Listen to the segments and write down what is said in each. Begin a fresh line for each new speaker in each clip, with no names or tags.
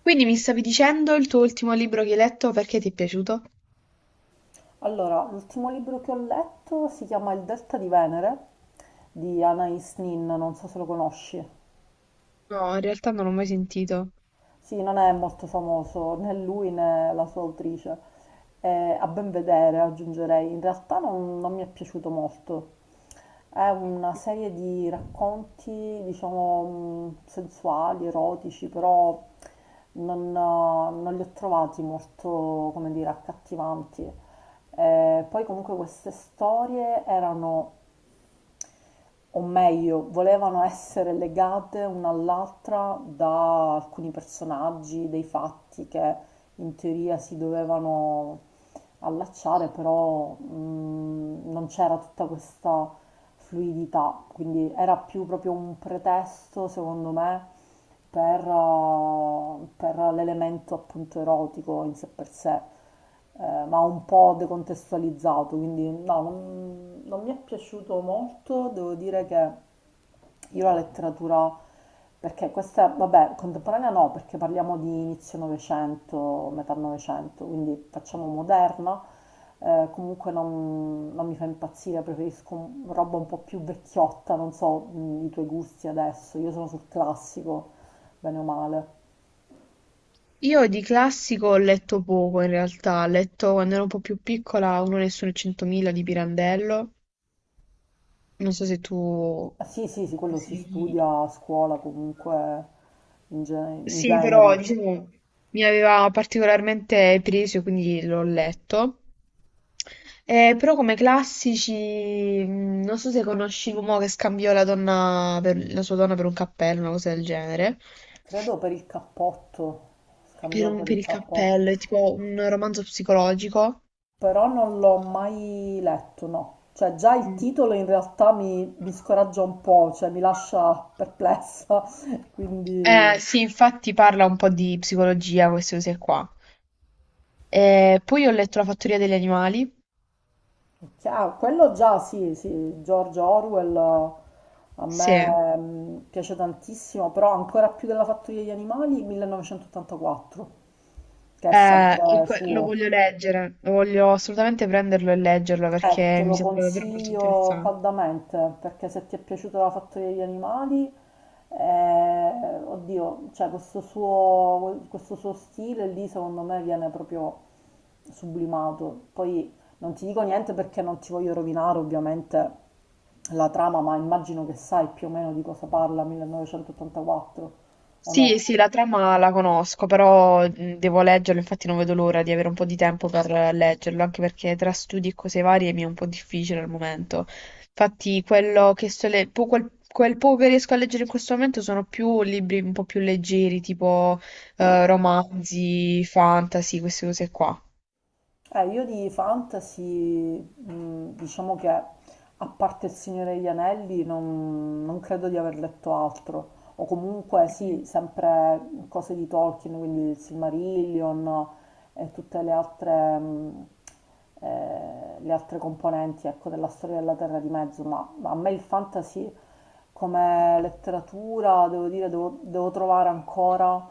Quindi mi stavi dicendo il tuo ultimo libro che hai letto perché ti è piaciuto?
Allora, l'ultimo libro che ho letto si chiama Il Delta di Venere di Anais Nin, non so se lo conosci.
No, in realtà non l'ho mai sentito.
Sì, non è molto famoso né lui né la sua autrice. Eh, A ben vedere, aggiungerei, in realtà non mi è piaciuto molto. È una serie di racconti, diciamo, sensuali, erotici, però non li ho trovati molto, come dire, accattivanti. Poi comunque queste storie erano o meglio, volevano essere legate una all'altra da alcuni personaggi, dei fatti che in teoria si dovevano allacciare, però non c'era tutta questa fluidità, quindi era più proprio un pretesto, secondo me, per l'elemento appunto erotico in sé per sé, ma un po' decontestualizzato, quindi no, non mi è piaciuto molto, devo dire che io la letteratura, perché questa, vabbè, contemporanea no, perché parliamo di inizio Novecento, metà Novecento, quindi facciamo moderna, comunque non mi fa impazzire, preferisco roba un po' più vecchiotta, non so i tuoi gusti adesso, io sono sul classico bene o male.
Io di classico ho letto poco in realtà, ho letto quando ero un po' più piccola Uno Nessuno e Centomila di Pirandello, non so se tu
Ah, sì, sì, sì, quello si
sei...
studia a scuola comunque in, in
Sì, però
genere.
diciamo mi aveva particolarmente preso, quindi l'ho letto. Però come classici, non so se conosci l'uomo che scambiò la sua donna per un cappello, una cosa del genere.
Credo per il cappotto,
Per,
scambiò per
per
il
il
cappotto,
cappello, è tipo un romanzo psicologico.
però non l'ho mai letto, no. Cioè già il
Mm.
titolo in realtà mi scoraggia un po', cioè mi lascia perplessa, quindi...
Sì, infatti parla un po' di psicologia, queste cose qua. Poi ho letto La fattoria degli animali.
Ah, quello già, sì, sì, George Orwell a
Sì.
me piace tantissimo, però ancora più della Fattoria degli animali, 1984, che è sempre
Lo
suo.
voglio leggere, lo voglio assolutamente prenderlo e leggerlo perché
Te
mi
lo
sembra davvero molto
consiglio
interessante.
caldamente perché se ti è piaciuta la fattoria degli animali, oddio, cioè questo suo stile lì secondo me viene proprio sublimato. Poi non ti dico niente perché non ti voglio rovinare ovviamente la trama, ma immagino che sai più o meno di cosa parla 1984 o
Sì,
no?
sì, la trama la conosco, però devo leggerlo, infatti non vedo l'ora di avere un po' di tempo per leggerlo, anche perché tra studi e cose varie mi è un po' difficile al momento. Infatti, quello che sto le- po- quel, quel poco che riesco a leggere in questo momento sono più libri un po' più leggeri, tipo romanzi, fantasy, queste cose qua.
Io di fantasy, diciamo che a parte Il Signore degli Anelli non credo di aver letto altro, o comunque sì, sempre cose di Tolkien, quindi il Silmarillion e tutte le altre componenti, ecco, della storia della Terra di Mezzo, ma a me il fantasy come letteratura, devo dire, devo trovare ancora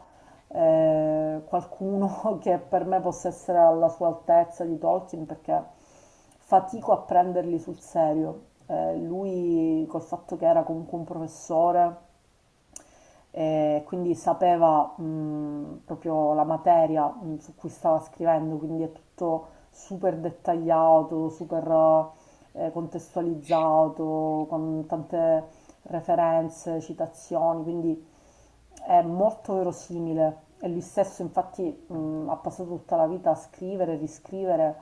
qualcuno che per me possa essere alla sua altezza di Tolkien perché fatico a prenderli sul serio. Lui col fatto che era comunque un professore e quindi sapeva proprio la materia su cui stava scrivendo, quindi è tutto super dettagliato, super contestualizzato, con tante referenze, citazioni, quindi è molto verosimile e lui stesso infatti ha passato tutta la vita a scrivere, riscrivere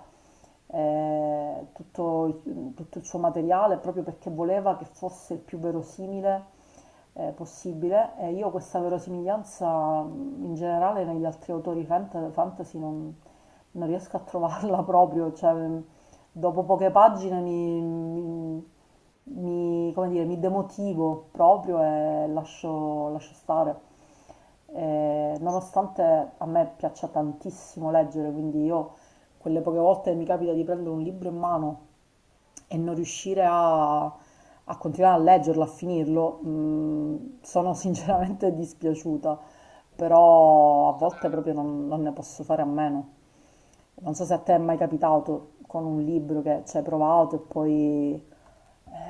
tutto, tutto il suo materiale proprio perché voleva che fosse il più verosimile possibile e io questa verosimiglianza in generale negli altri autori fantasy non, non riesco a trovarla proprio, cioè dopo poche pagine come dire, mi demotivo proprio e lascio, lascio stare. Nonostante a me piaccia tantissimo leggere, quindi io quelle poche volte mi capita di prendere un libro in mano e non riuscire a continuare a leggerlo, a finirlo, sono sinceramente dispiaciuta, però a volte proprio non ne posso fare a meno. Non so se a te è mai capitato con un libro che ci hai provato e poi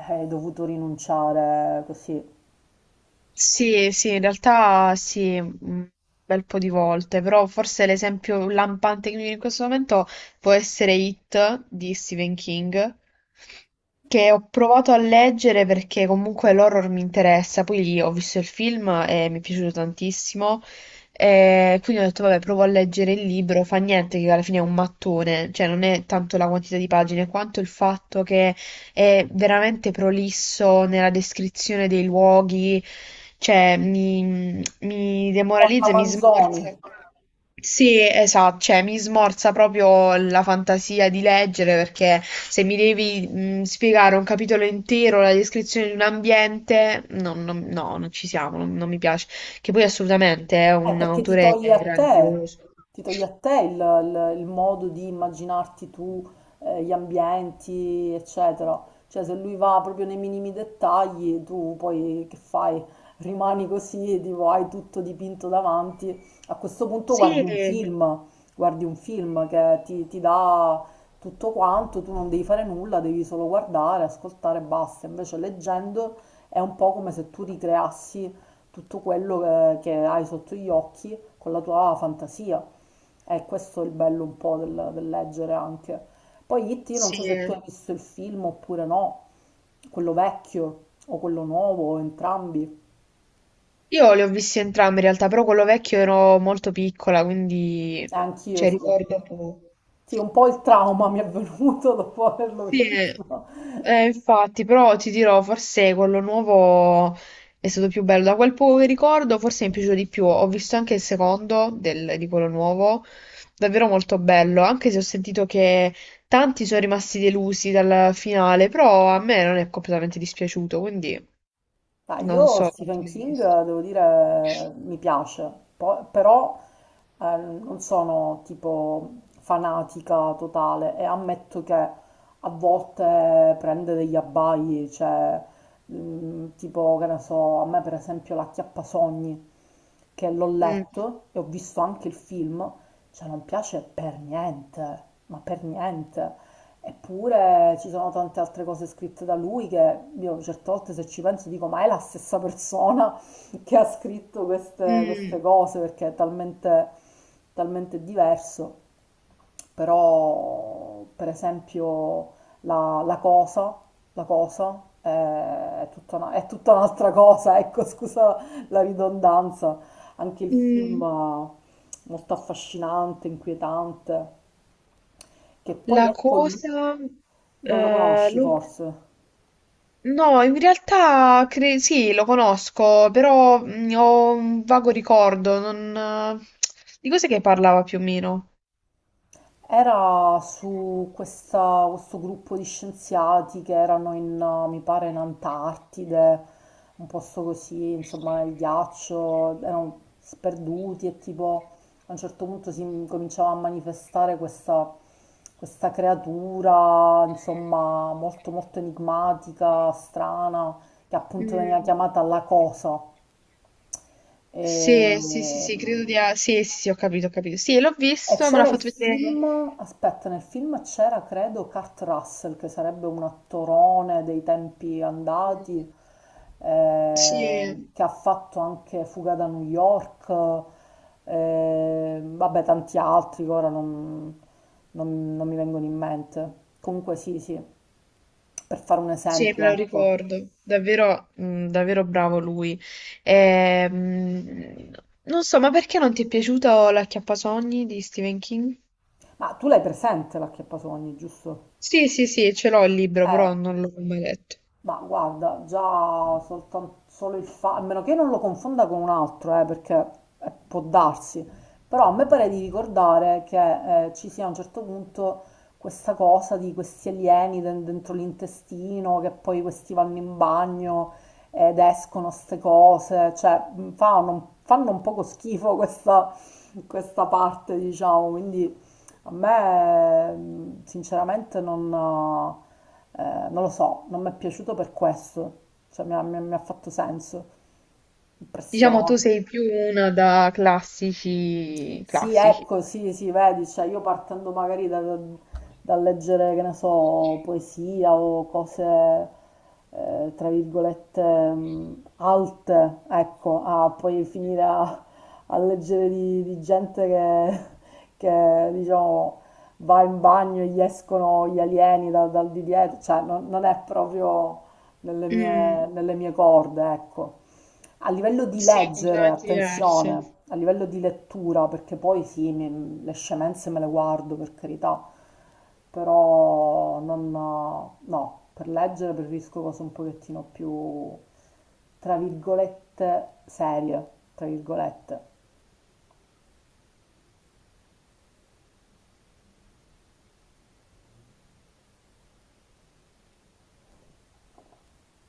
hai dovuto rinunciare così.
Sì, sì, in realtà sì, un bel po' di volte, però forse l'esempio lampante che mi viene in questo momento può essere It di Stephen King, che ho provato a leggere perché comunque l'horror mi interessa, poi lì ho visto il film e mi è piaciuto tantissimo, e quindi ho detto vabbè, provo a leggere il libro, fa niente che alla fine è un mattone, cioè non è tanto la quantità di pagine quanto il fatto che è veramente prolisso nella descrizione dei luoghi, cioè mi
O alla
demoralizza e mi
Manzoni.
smorza. Sì, esatto, cioè mi smorza proprio la fantasia di leggere perché se mi devi spiegare un capitolo intero, la descrizione di un ambiente, no, no, no, non ci siamo, non, non mi piace. Che poi assolutamente è un
Perché ti
autore
toglie a te,
grandioso.
ti toglie a te il modo di immaginarti tu, gli ambienti, eccetera. Cioè, se lui va proprio nei minimi dettagli, tu poi che fai? Rimani così, tipo, hai tutto dipinto davanti. A questo punto
Sì,
guardi un film che ti dà tutto quanto, tu non devi fare nulla, devi solo guardare, ascoltare e basta. Invece leggendo è un po' come se tu ricreassi tutto quello che hai sotto gli occhi con la tua fantasia. E questo è il bello un po' del, del leggere anche. Poi It, io non so se tu
sì.
hai visto il film oppure no, quello vecchio o quello nuovo, o entrambi.
Io li ho visti entrambi in realtà, però quello vecchio ero molto piccola, quindi
E anch'io
cioè,
sì.
ricordo poco.
Sì, un po' il trauma mi è venuto dopo averlo
Sì,
visto.
infatti, però ti dirò, forse quello nuovo è stato più bello. Da quel poco che ricordo, forse mi è piaciuto di più. Ho visto anche di quello nuovo, davvero molto bello, anche se ho sentito che tanti sono rimasti delusi dal finale, però a me non è completamente dispiaciuto, quindi
Ah,
non
io
so quanto
Stephen
l'hai
King,
visto.
devo dire, mi piace, però non sono tipo fanatica totale e ammetto che a volte prende degli abbai, cioè tipo, che ne so, a me per esempio La Chiappasogni, che l'ho
Mm,
letto e ho visto anche il film, cioè non piace per niente, ma per niente. Eppure ci sono tante altre cose scritte da lui che io certe volte se ci penso dico ma è la stessa persona che ha scritto queste, queste
mm,
cose perché è talmente, talmente diverso. Però per esempio la, la cosa, la cosa è tutta è tutta un'altra cosa, ecco scusa la ridondanza. Anche il film
mm.
molto affascinante, inquietante, che poi
La
è con lui.
cosa...
Non lo
eh,
conosci
lo-
forse.
No, in realtà sì, lo conosco, però ho un vago ricordo. Di cos'è che parlava più o meno?
Era su questo gruppo di scienziati che erano in, mi pare, in Antartide, un posto così, insomma, nel ghiaccio, erano sperduti e tipo a un certo punto si cominciava a manifestare questa, questa creatura, insomma, molto molto enigmatica, strana, che appunto veniva
Mm.
chiamata la cosa. E,
Sì, sì, sì, sì, sì, sì, sì, ho capito, ho capito. Sì, l'ho
E
visto, me l'ha
c'era il
fatto vedere...
film, aspetta, nel film c'era credo Kurt Russell che sarebbe un attorone dei tempi
Mm.
andati,
Sì.
eh, che ha fatto anche Fuga da New York, vabbè tanti altri che ora non mi vengono in mente. Comunque sì, sì, per fare un
Sì,
esempio,
me lo
ecco.
ricordo, davvero, davvero bravo lui. Ehm, Non so, ma perché non ti è piaciuta L'acchiappasogni di Stephen King?
Ma tu l'hai presente l'acchiappasogni, giusto?
Sì, sì, sì, ce l'ho il libro,
Eh.
però non l'ho mai letto.
Ma guarda, già solo il fatto, a meno che non lo confonda con un altro, perché può darsi, però a me pare di ricordare che ci sia a un certo punto questa cosa di questi alieni dentro l'intestino, che poi questi vanno in bagno ed escono ste cose, cioè fa fanno un poco schifo questa parte, diciamo, quindi a me sinceramente non... non lo so, non mi è piaciuto per questo, cioè mi ha fatto senso,
Diciamo, tu
impressione.
sei più una da classici,
Sì,
classici.
ecco, sì, sì, vedi, cioè io partendo magari da da leggere, che ne so, poesia o cose, tra virgolette, alte, ecco, a poi finire a, a leggere di gente che, diciamo, va in bagno e gli escono gli alieni dal di dietro, cioè non, non è proprio
Mm,
nelle mie corde, ecco. A livello di
sì,
leggere,
completamente diverse.
attenzione, a livello di lettura, perché poi sì, le scemenze me le guardo per carità, però non, no, per leggere preferisco cose un pochettino più, tra virgolette, serie, tra virgolette.